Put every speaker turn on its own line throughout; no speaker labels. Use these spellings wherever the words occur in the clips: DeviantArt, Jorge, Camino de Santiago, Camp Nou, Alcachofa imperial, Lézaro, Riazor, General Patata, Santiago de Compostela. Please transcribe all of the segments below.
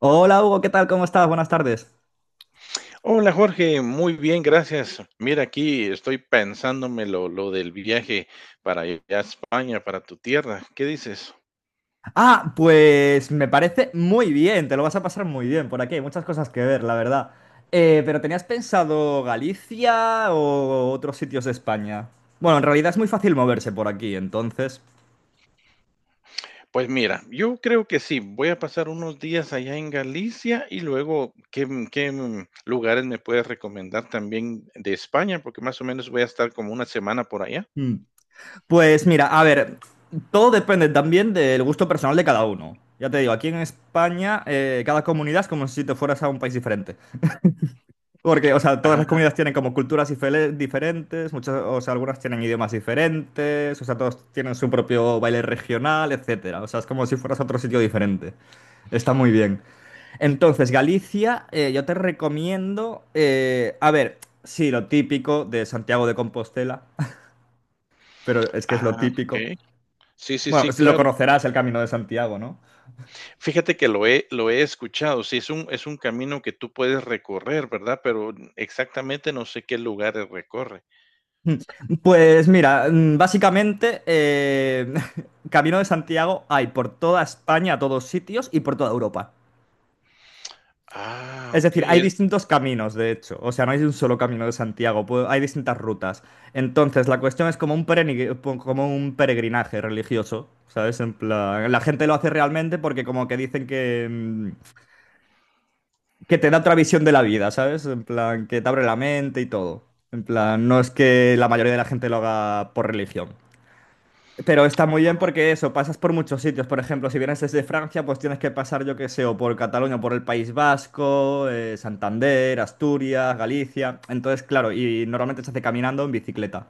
Hola Hugo, ¿qué tal? ¿Cómo estás? Buenas tardes.
Hola Jorge, muy bien, gracias. Mira, aquí estoy pensándome lo del viaje para allá a España, para tu tierra. ¿Qué dices?
Ah, pues me parece muy bien, te lo vas a pasar muy bien por aquí, hay muchas cosas que ver, la verdad. Pero ¿tenías pensado Galicia o otros sitios de España? Bueno, en realidad es muy fácil moverse por aquí, entonces.
Pues mira, yo creo que sí, voy a pasar unos días allá en Galicia y luego, ¿qué, lugares me puedes recomendar también de España? Porque más o menos voy a estar como una semana por allá.
Mm. Pues mira, a ver, todo depende también del gusto personal de cada uno. Ya te digo, aquí en España cada comunidad es como si te fueras a un país diferente. Porque, o sea, todas las
Ah,
comunidades tienen como culturas diferentes, muchas, o sea, algunas tienen idiomas diferentes, o sea, todos tienen su propio baile regional, etcétera. O sea, es como si fueras a otro sitio diferente. Está muy bien. Entonces, Galicia, yo te recomiendo, a ver, sí, lo típico de Santiago de Compostela, pero es que es lo
ah,
típico.
ok. Sí, sí,
Bueno,
sí,
lo
claro.
conocerás el Camino de Santiago, ¿no?
Fíjate que lo he escuchado, sí, es un camino que tú puedes recorrer, ¿verdad? Pero exactamente no sé qué lugares recorre.
Pues mira, básicamente, Camino de Santiago hay por toda España, a todos sitios y por toda Europa.
Ah,
Es decir,
okey,
hay
es
distintos caminos, de hecho. O sea, no hay un solo camino de Santiago, hay distintas rutas. Entonces, la cuestión es como un peregrinaje religioso, ¿sabes? En plan, la gente lo hace realmente porque como que dicen que, que te da otra visión de la vida, ¿sabes? En plan, que te abre la mente y todo. En plan, no es que la mayoría de la gente lo haga por religión. Pero está muy bien
ah,
porque eso, pasas por muchos sitios. Por ejemplo, si vienes desde Francia, pues tienes que pasar, yo qué sé, o por Cataluña, o por el País Vasco, Santander, Asturias, Galicia. Entonces, claro, y normalmente se hace caminando o en bicicleta.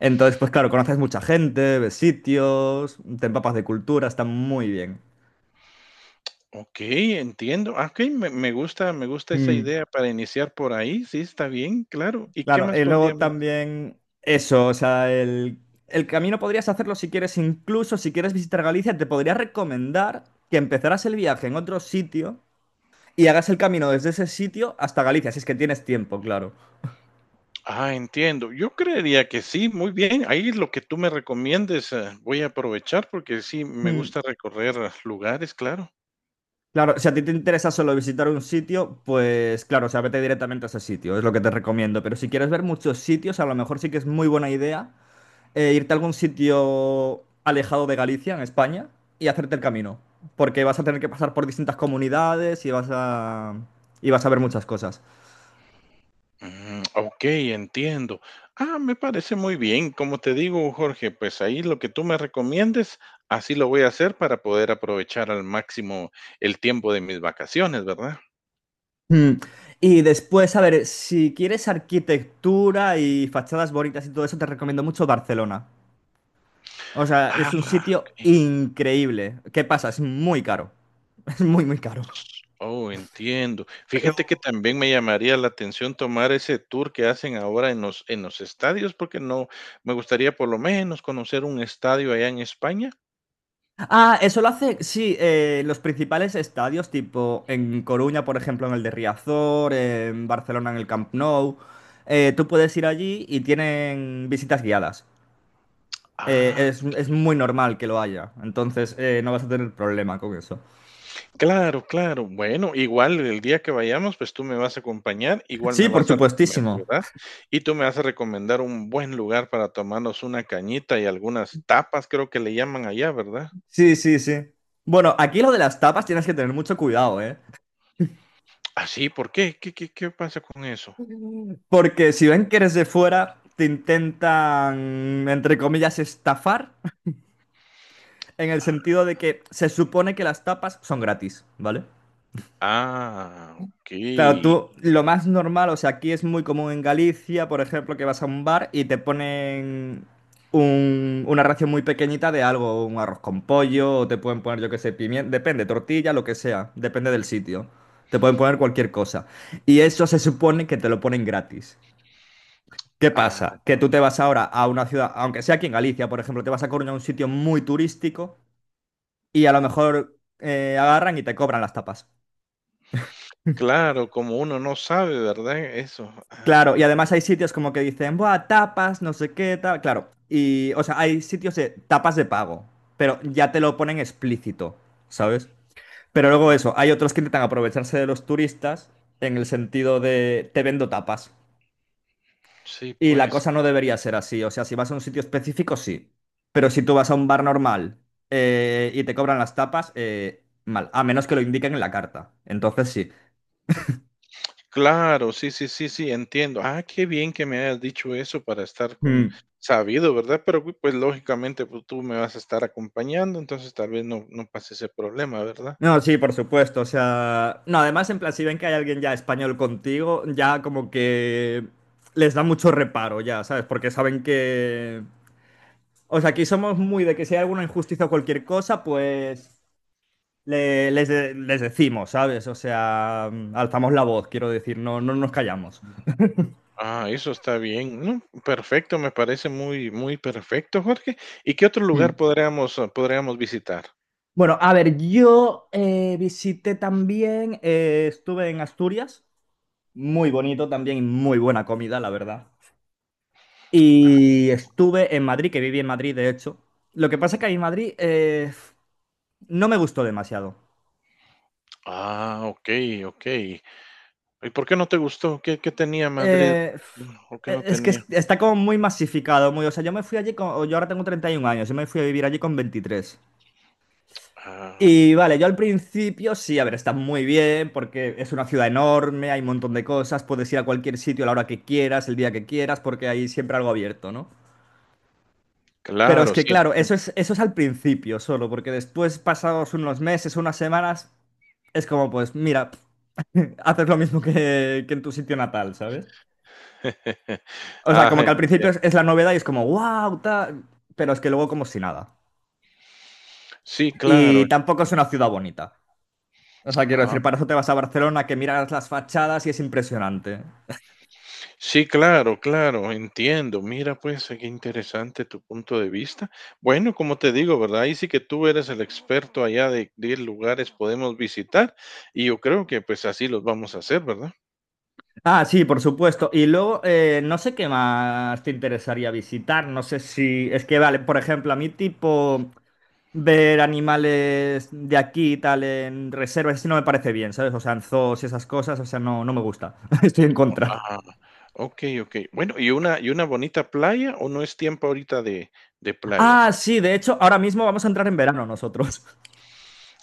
Entonces, pues claro, conoces mucha gente, ves sitios, te empapas de cultura, está muy bien.
okey, entiendo. Ah, okey, me gusta esa
Mm.
idea para iniciar por ahí, sí, está bien, claro. ¿Y qué
Claro,
más
y luego
podríamos hacer?
también eso, o sea, el camino podrías hacerlo si quieres, incluso si quieres visitar Galicia, te podría recomendar que empezaras el viaje en otro sitio y hagas el camino desde ese sitio hasta Galicia, si es que tienes tiempo, claro.
Ah, entiendo. Yo creería que sí, muy bien. Ahí lo que tú me recomiendes, voy a aprovechar porque sí, me
Mm.
gusta recorrer lugares, claro.
Claro, si a ti te interesa solo visitar un sitio, pues claro, o sea, vete directamente a ese sitio, es lo que te recomiendo. Pero si quieres ver muchos sitios, a lo mejor sí que es muy buena idea irte a algún sitio alejado de Galicia, en España, y hacerte el camino. Porque vas a tener que pasar por distintas comunidades y y vas a ver muchas cosas.
Mm, ok, entiendo. Ah, me parece muy bien. Como te digo, Jorge, pues ahí lo que tú me recomiendes, así lo voy a hacer para poder aprovechar al máximo el tiempo de mis vacaciones, ¿verdad?
Mm. Y después, a ver, si quieres arquitectura y fachadas bonitas y todo eso, te recomiendo mucho Barcelona. O sea,
Ah,
es un sitio
ok.
increíble. ¿Qué pasa? Es muy caro. Es muy, muy caro.
Oh, entiendo. Fíjate que
Pero.
también me llamaría la atención tomar ese tour que hacen ahora en en los estadios, porque no me gustaría por lo menos conocer un estadio allá en España.
Ah, eso lo hace, sí, los principales estadios, tipo en Coruña, por ejemplo, en el de Riazor, en Barcelona, en el Camp Nou. Tú puedes ir allí y tienen visitas guiadas.
Ah,
Es muy normal que lo haya, entonces no vas a tener problema con eso.
claro, claro. Bueno, igual el día que vayamos, pues, tú me vas a acompañar, igual
Sí,
me
por
vas a recomendar,
supuestísimo.
¿verdad? Y tú me vas a recomendar un buen lugar para tomarnos una cañita y algunas tapas, creo que le llaman allá, ¿verdad?
Sí, sí, sí. Bueno, aquí lo de las tapas tienes que tener mucho cuidado, ¿eh?
¿Ah, sí? ¿Por qué? ¿Qué pasa con eso?
Porque si ven que eres de fuera, te intentan, entre comillas, estafar, en el
Ah,
sentido de que se supone que las tapas son gratis, ¿vale?
ah,
Claro,
okey.
tú, lo más normal, o sea, aquí es muy común en Galicia, por ejemplo, que vas a un bar y te ponen una ración muy pequeñita de algo, un arroz con pollo, o te pueden poner, yo qué sé, pimiento, depende, tortilla, lo que sea, depende del sitio. Te pueden poner cualquier cosa. Y eso se supone que te lo ponen gratis. ¿Qué
Ah,
pasa? Que tú te vas ahora a una ciudad, aunque sea aquí en Galicia, por ejemplo, te vas a Coruña, a un sitio muy turístico y a lo mejor agarran y te cobran las tapas.
claro, como uno no sabe, ¿verdad? Eso.
Claro,
Ah,
y además hay sitios como que dicen, buah, tapas, no sé qué, tal. Claro, y, o sea, hay sitios de tapas de pago, pero ya te lo ponen explícito, ¿sabes? Pero luego
mm,
eso, hay otros que intentan aprovecharse de los turistas en el sentido de, te vendo tapas.
sí,
Y la
pues.
cosa no debería ser así. O sea, si vas a un sitio específico, sí. Pero si tú vas a un bar normal y te cobran las tapas, mal. A menos que lo indiquen en la carta. Entonces sí.
Claro, sí, sí, sí, sí, entiendo. Ah, qué bien que me hayas dicho eso para estar con
Mm.
sabido, ¿verdad? Pero pues lógicamente pues, tú me vas a estar acompañando, entonces tal vez no, no pase ese problema, ¿verdad?
No, sí, por supuesto. O sea. No, además, en plan, si ven que hay alguien ya español contigo, ya como que les da mucho reparo, ya, ¿sabes? Porque saben que. O sea, aquí somos muy de que si hay alguna injusticia o cualquier cosa, pues les decimos, ¿sabes? O sea, alzamos la voz, quiero decir, no, no nos callamos.
Ah, eso está bien. No, perfecto, me parece muy, muy perfecto, Jorge. ¿Y qué otro lugar
Mm.
podríamos, podríamos visitar?
Bueno, a ver, yo visité también, estuve en Asturias, muy bonito también, y muy buena comida, la verdad. Y estuve en Madrid, que viví en Madrid, de hecho. Lo que pasa es que a Madrid no me gustó demasiado.
Ah, ok, ok. ¿Y por qué no te gustó? ¿Qué, qué tenía Madrid?
Eh,
¿O qué no
es que
tenía?
está como muy masificado, muy, o sea, yo me fui allí con, yo ahora tengo 31 años, yo me fui a vivir allí con 23.
Ah,
Y vale, yo al principio sí, a ver, está muy bien porque es una ciudad enorme, hay un montón de cosas, puedes ir a cualquier sitio a la hora que quieras, el día que quieras, porque hay siempre algo abierto, ¿no? Pero es
claro,
que
sí.
claro,
Entiendo.
eso es al principio solo, porque después, pasados unos meses, unas semanas, es como pues, mira, haces lo mismo que en tu sitio natal, ¿sabes? O sea, como
Ah,
que al principio
entiendo.
es la novedad y es como, wow, tal, pero es que luego como si nada.
Sí,
Y
claro.
tampoco es una ciudad bonita. O sea, quiero decir,
Ah,
para eso te vas a Barcelona, que miras las fachadas y es impresionante.
sí, claro, claro, entiendo. Mira, pues, qué interesante tu punto de vista. Bueno, como te digo, ¿verdad? Ahí sí que tú eres el experto allá de qué lugares podemos visitar y yo creo que pues así los vamos a hacer, ¿verdad?
Ah, sí, por supuesto. Y luego, no sé qué más te interesaría visitar. No sé si. Es que, vale, por ejemplo, a mí, tipo, ver animales de aquí y tal en reservas, eso no me parece bien, ¿sabes? O sea, en zoos y esas cosas, o sea, no, no me gusta. Estoy en contra.
Ah, okey, okey. Bueno, ¿y una bonita playa o no es tiempo ahorita de playas
Ah,
ahí?
sí, de hecho, ahora mismo vamos a entrar en verano nosotros.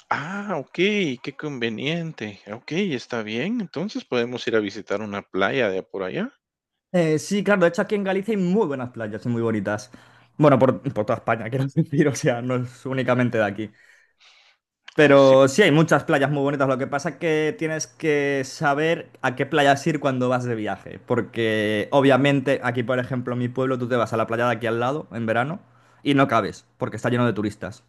Ah, okey, qué conveniente. Okey, está bien. Entonces podemos ir a visitar una playa de por allá.
Sí, claro, de hecho aquí en Galicia hay muy buenas playas y muy bonitas. Bueno, por toda España, quiero decir, o sea, no es únicamente de aquí.
Ah, sí.
Pero sí hay muchas playas muy bonitas, lo que pasa es que tienes que saber a qué playas ir cuando vas de viaje, porque obviamente aquí, por ejemplo, en mi pueblo, tú te vas a la playa de aquí al lado en verano y no cabes, porque está lleno de turistas.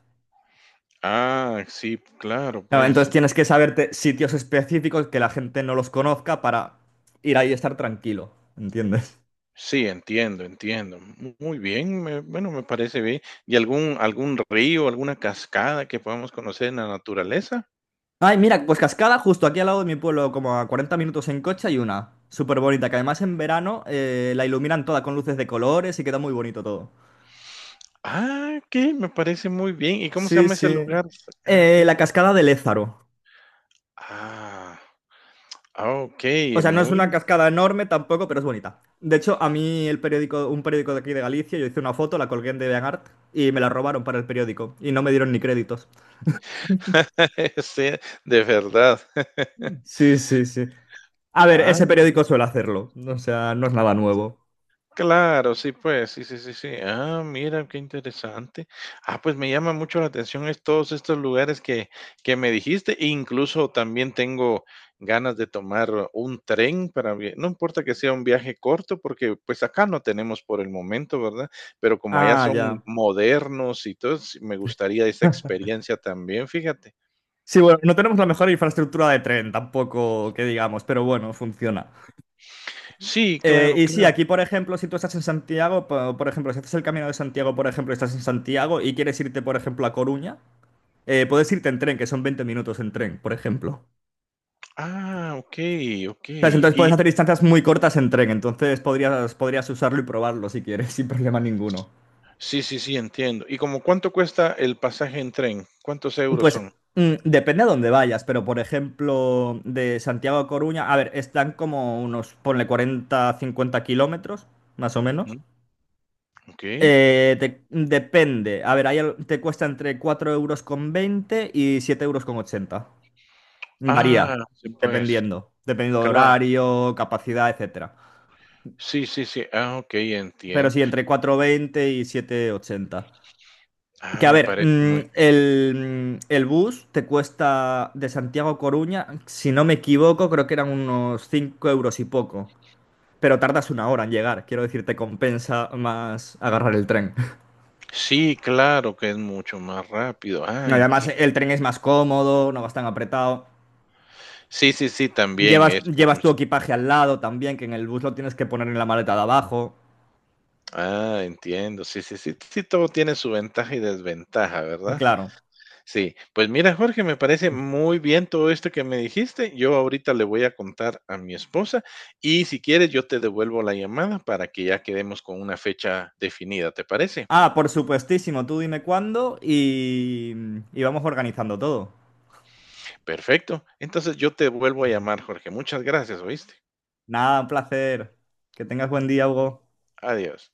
Ah, sí, claro,
Claro,
pues.
entonces tienes que saberte sitios específicos que la gente no los conozca para ir ahí y estar tranquilo, ¿entiendes?
Sí, entiendo, entiendo. Muy bien, bueno, me parece bien. ¿Y algún, algún río, alguna cascada que podamos conocer en la naturaleza?
Ay, mira, pues Cascada, justo aquí al lado de mi pueblo, como a 40 minutos en coche, hay una. Súper bonita, que además en verano la iluminan toda con luces de colores y queda muy bonito todo.
Ah, que me parece muy bien. ¿Y cómo se
Sí,
llama ese
sí.
lugar? Ah, ok.
La cascada de Lézaro.
Ah, ah, ok,
O sea, no es
muy,
una cascada enorme tampoco, pero es bonita. De hecho, a mí el periódico, un periódico de aquí de Galicia, yo hice una foto, la colgué en DeviantArt y me la robaron para el periódico y no me dieron ni créditos.
sí, de verdad.
Sí, sí, sí. A ver,
Ah,
ese periódico suele hacerlo. O sea, no es nada nuevo.
claro, sí, pues, sí, sí, sí, sí. Ah, mira, qué interesante. Ah, pues me llama mucho la atención es todos estos lugares que me dijiste. E incluso también tengo ganas de tomar un tren para, no importa que sea un viaje corto, porque pues acá no tenemos por el momento, ¿verdad? Pero como allá
Ah,
son
ya.
modernos y todo, sí, me gustaría esa experiencia también, fíjate.
Sí, bueno, no tenemos la mejor infraestructura de tren tampoco, que digamos, pero bueno, funciona.
Sí, claro,
Y sí,
claro.
aquí, por ejemplo, si tú estás en Santiago, por, ejemplo, si haces el Camino de Santiago, por ejemplo, estás en Santiago y quieres irte, por ejemplo, a Coruña, puedes irte en tren, que son 20 minutos en tren, por ejemplo.
Ah, ok, ok.
¿Sabes? Entonces puedes
Y,
hacer distancias muy cortas en tren, entonces podrías usarlo y probarlo si quieres, sin problema ninguno.
sí, sí, sí, entiendo. ¿Y como cuánto cuesta el pasaje en tren? ¿Cuántos euros
Pues
son?
depende a dónde vayas, pero por ejemplo, de Santiago a Coruña, a ver, están como unos, ponle 40, 50 kilómetros, más o
Ujú,
menos.
okey.
Depende. A ver, te cuesta entre 4,20 € y 7,80 €
Ah,
Varía,
sí, pues,
dependiendo. Dependiendo de
claro.
horario, capacidad, etcétera.
Sí, sí, sí. Ah, okey,
Pero
entiendo.
sí, entre 4,20 y 7,80.
Ah,
Que a
me
ver,
parece muy
el bus te cuesta de Santiago a Coruña, si no me equivoco, creo que eran unos 5 € y poco. Pero tardas una hora en llegar. Quiero decir, te compensa más agarrar el tren.
sí, claro que es mucho más rápido. Ah,
Además,
entiendo.
el tren es más cómodo, no vas tan apretado.
Sí, sí, sí, también eso es
Llevas tu
mucho
equipaje al lado también, que en el bus lo tienes que poner en la maleta de abajo.
ah, entiendo. Sí, sí, sí, sí, todo tiene su ventaja y desventaja, ¿verdad?
Claro.
Sí, pues mira, Jorge, me parece muy bien todo esto que me dijiste. Yo ahorita le voy a contar a mi esposa y si quieres yo te devuelvo la llamada para que ya quedemos con una fecha definida, ¿te parece?
Ah, por supuestísimo, tú dime cuándo y vamos organizando todo.
Perfecto. Entonces yo te vuelvo a llamar, Jorge. Muchas gracias, ¿oíste?
Nada, un placer. Que tengas buen día, Hugo.
Adiós.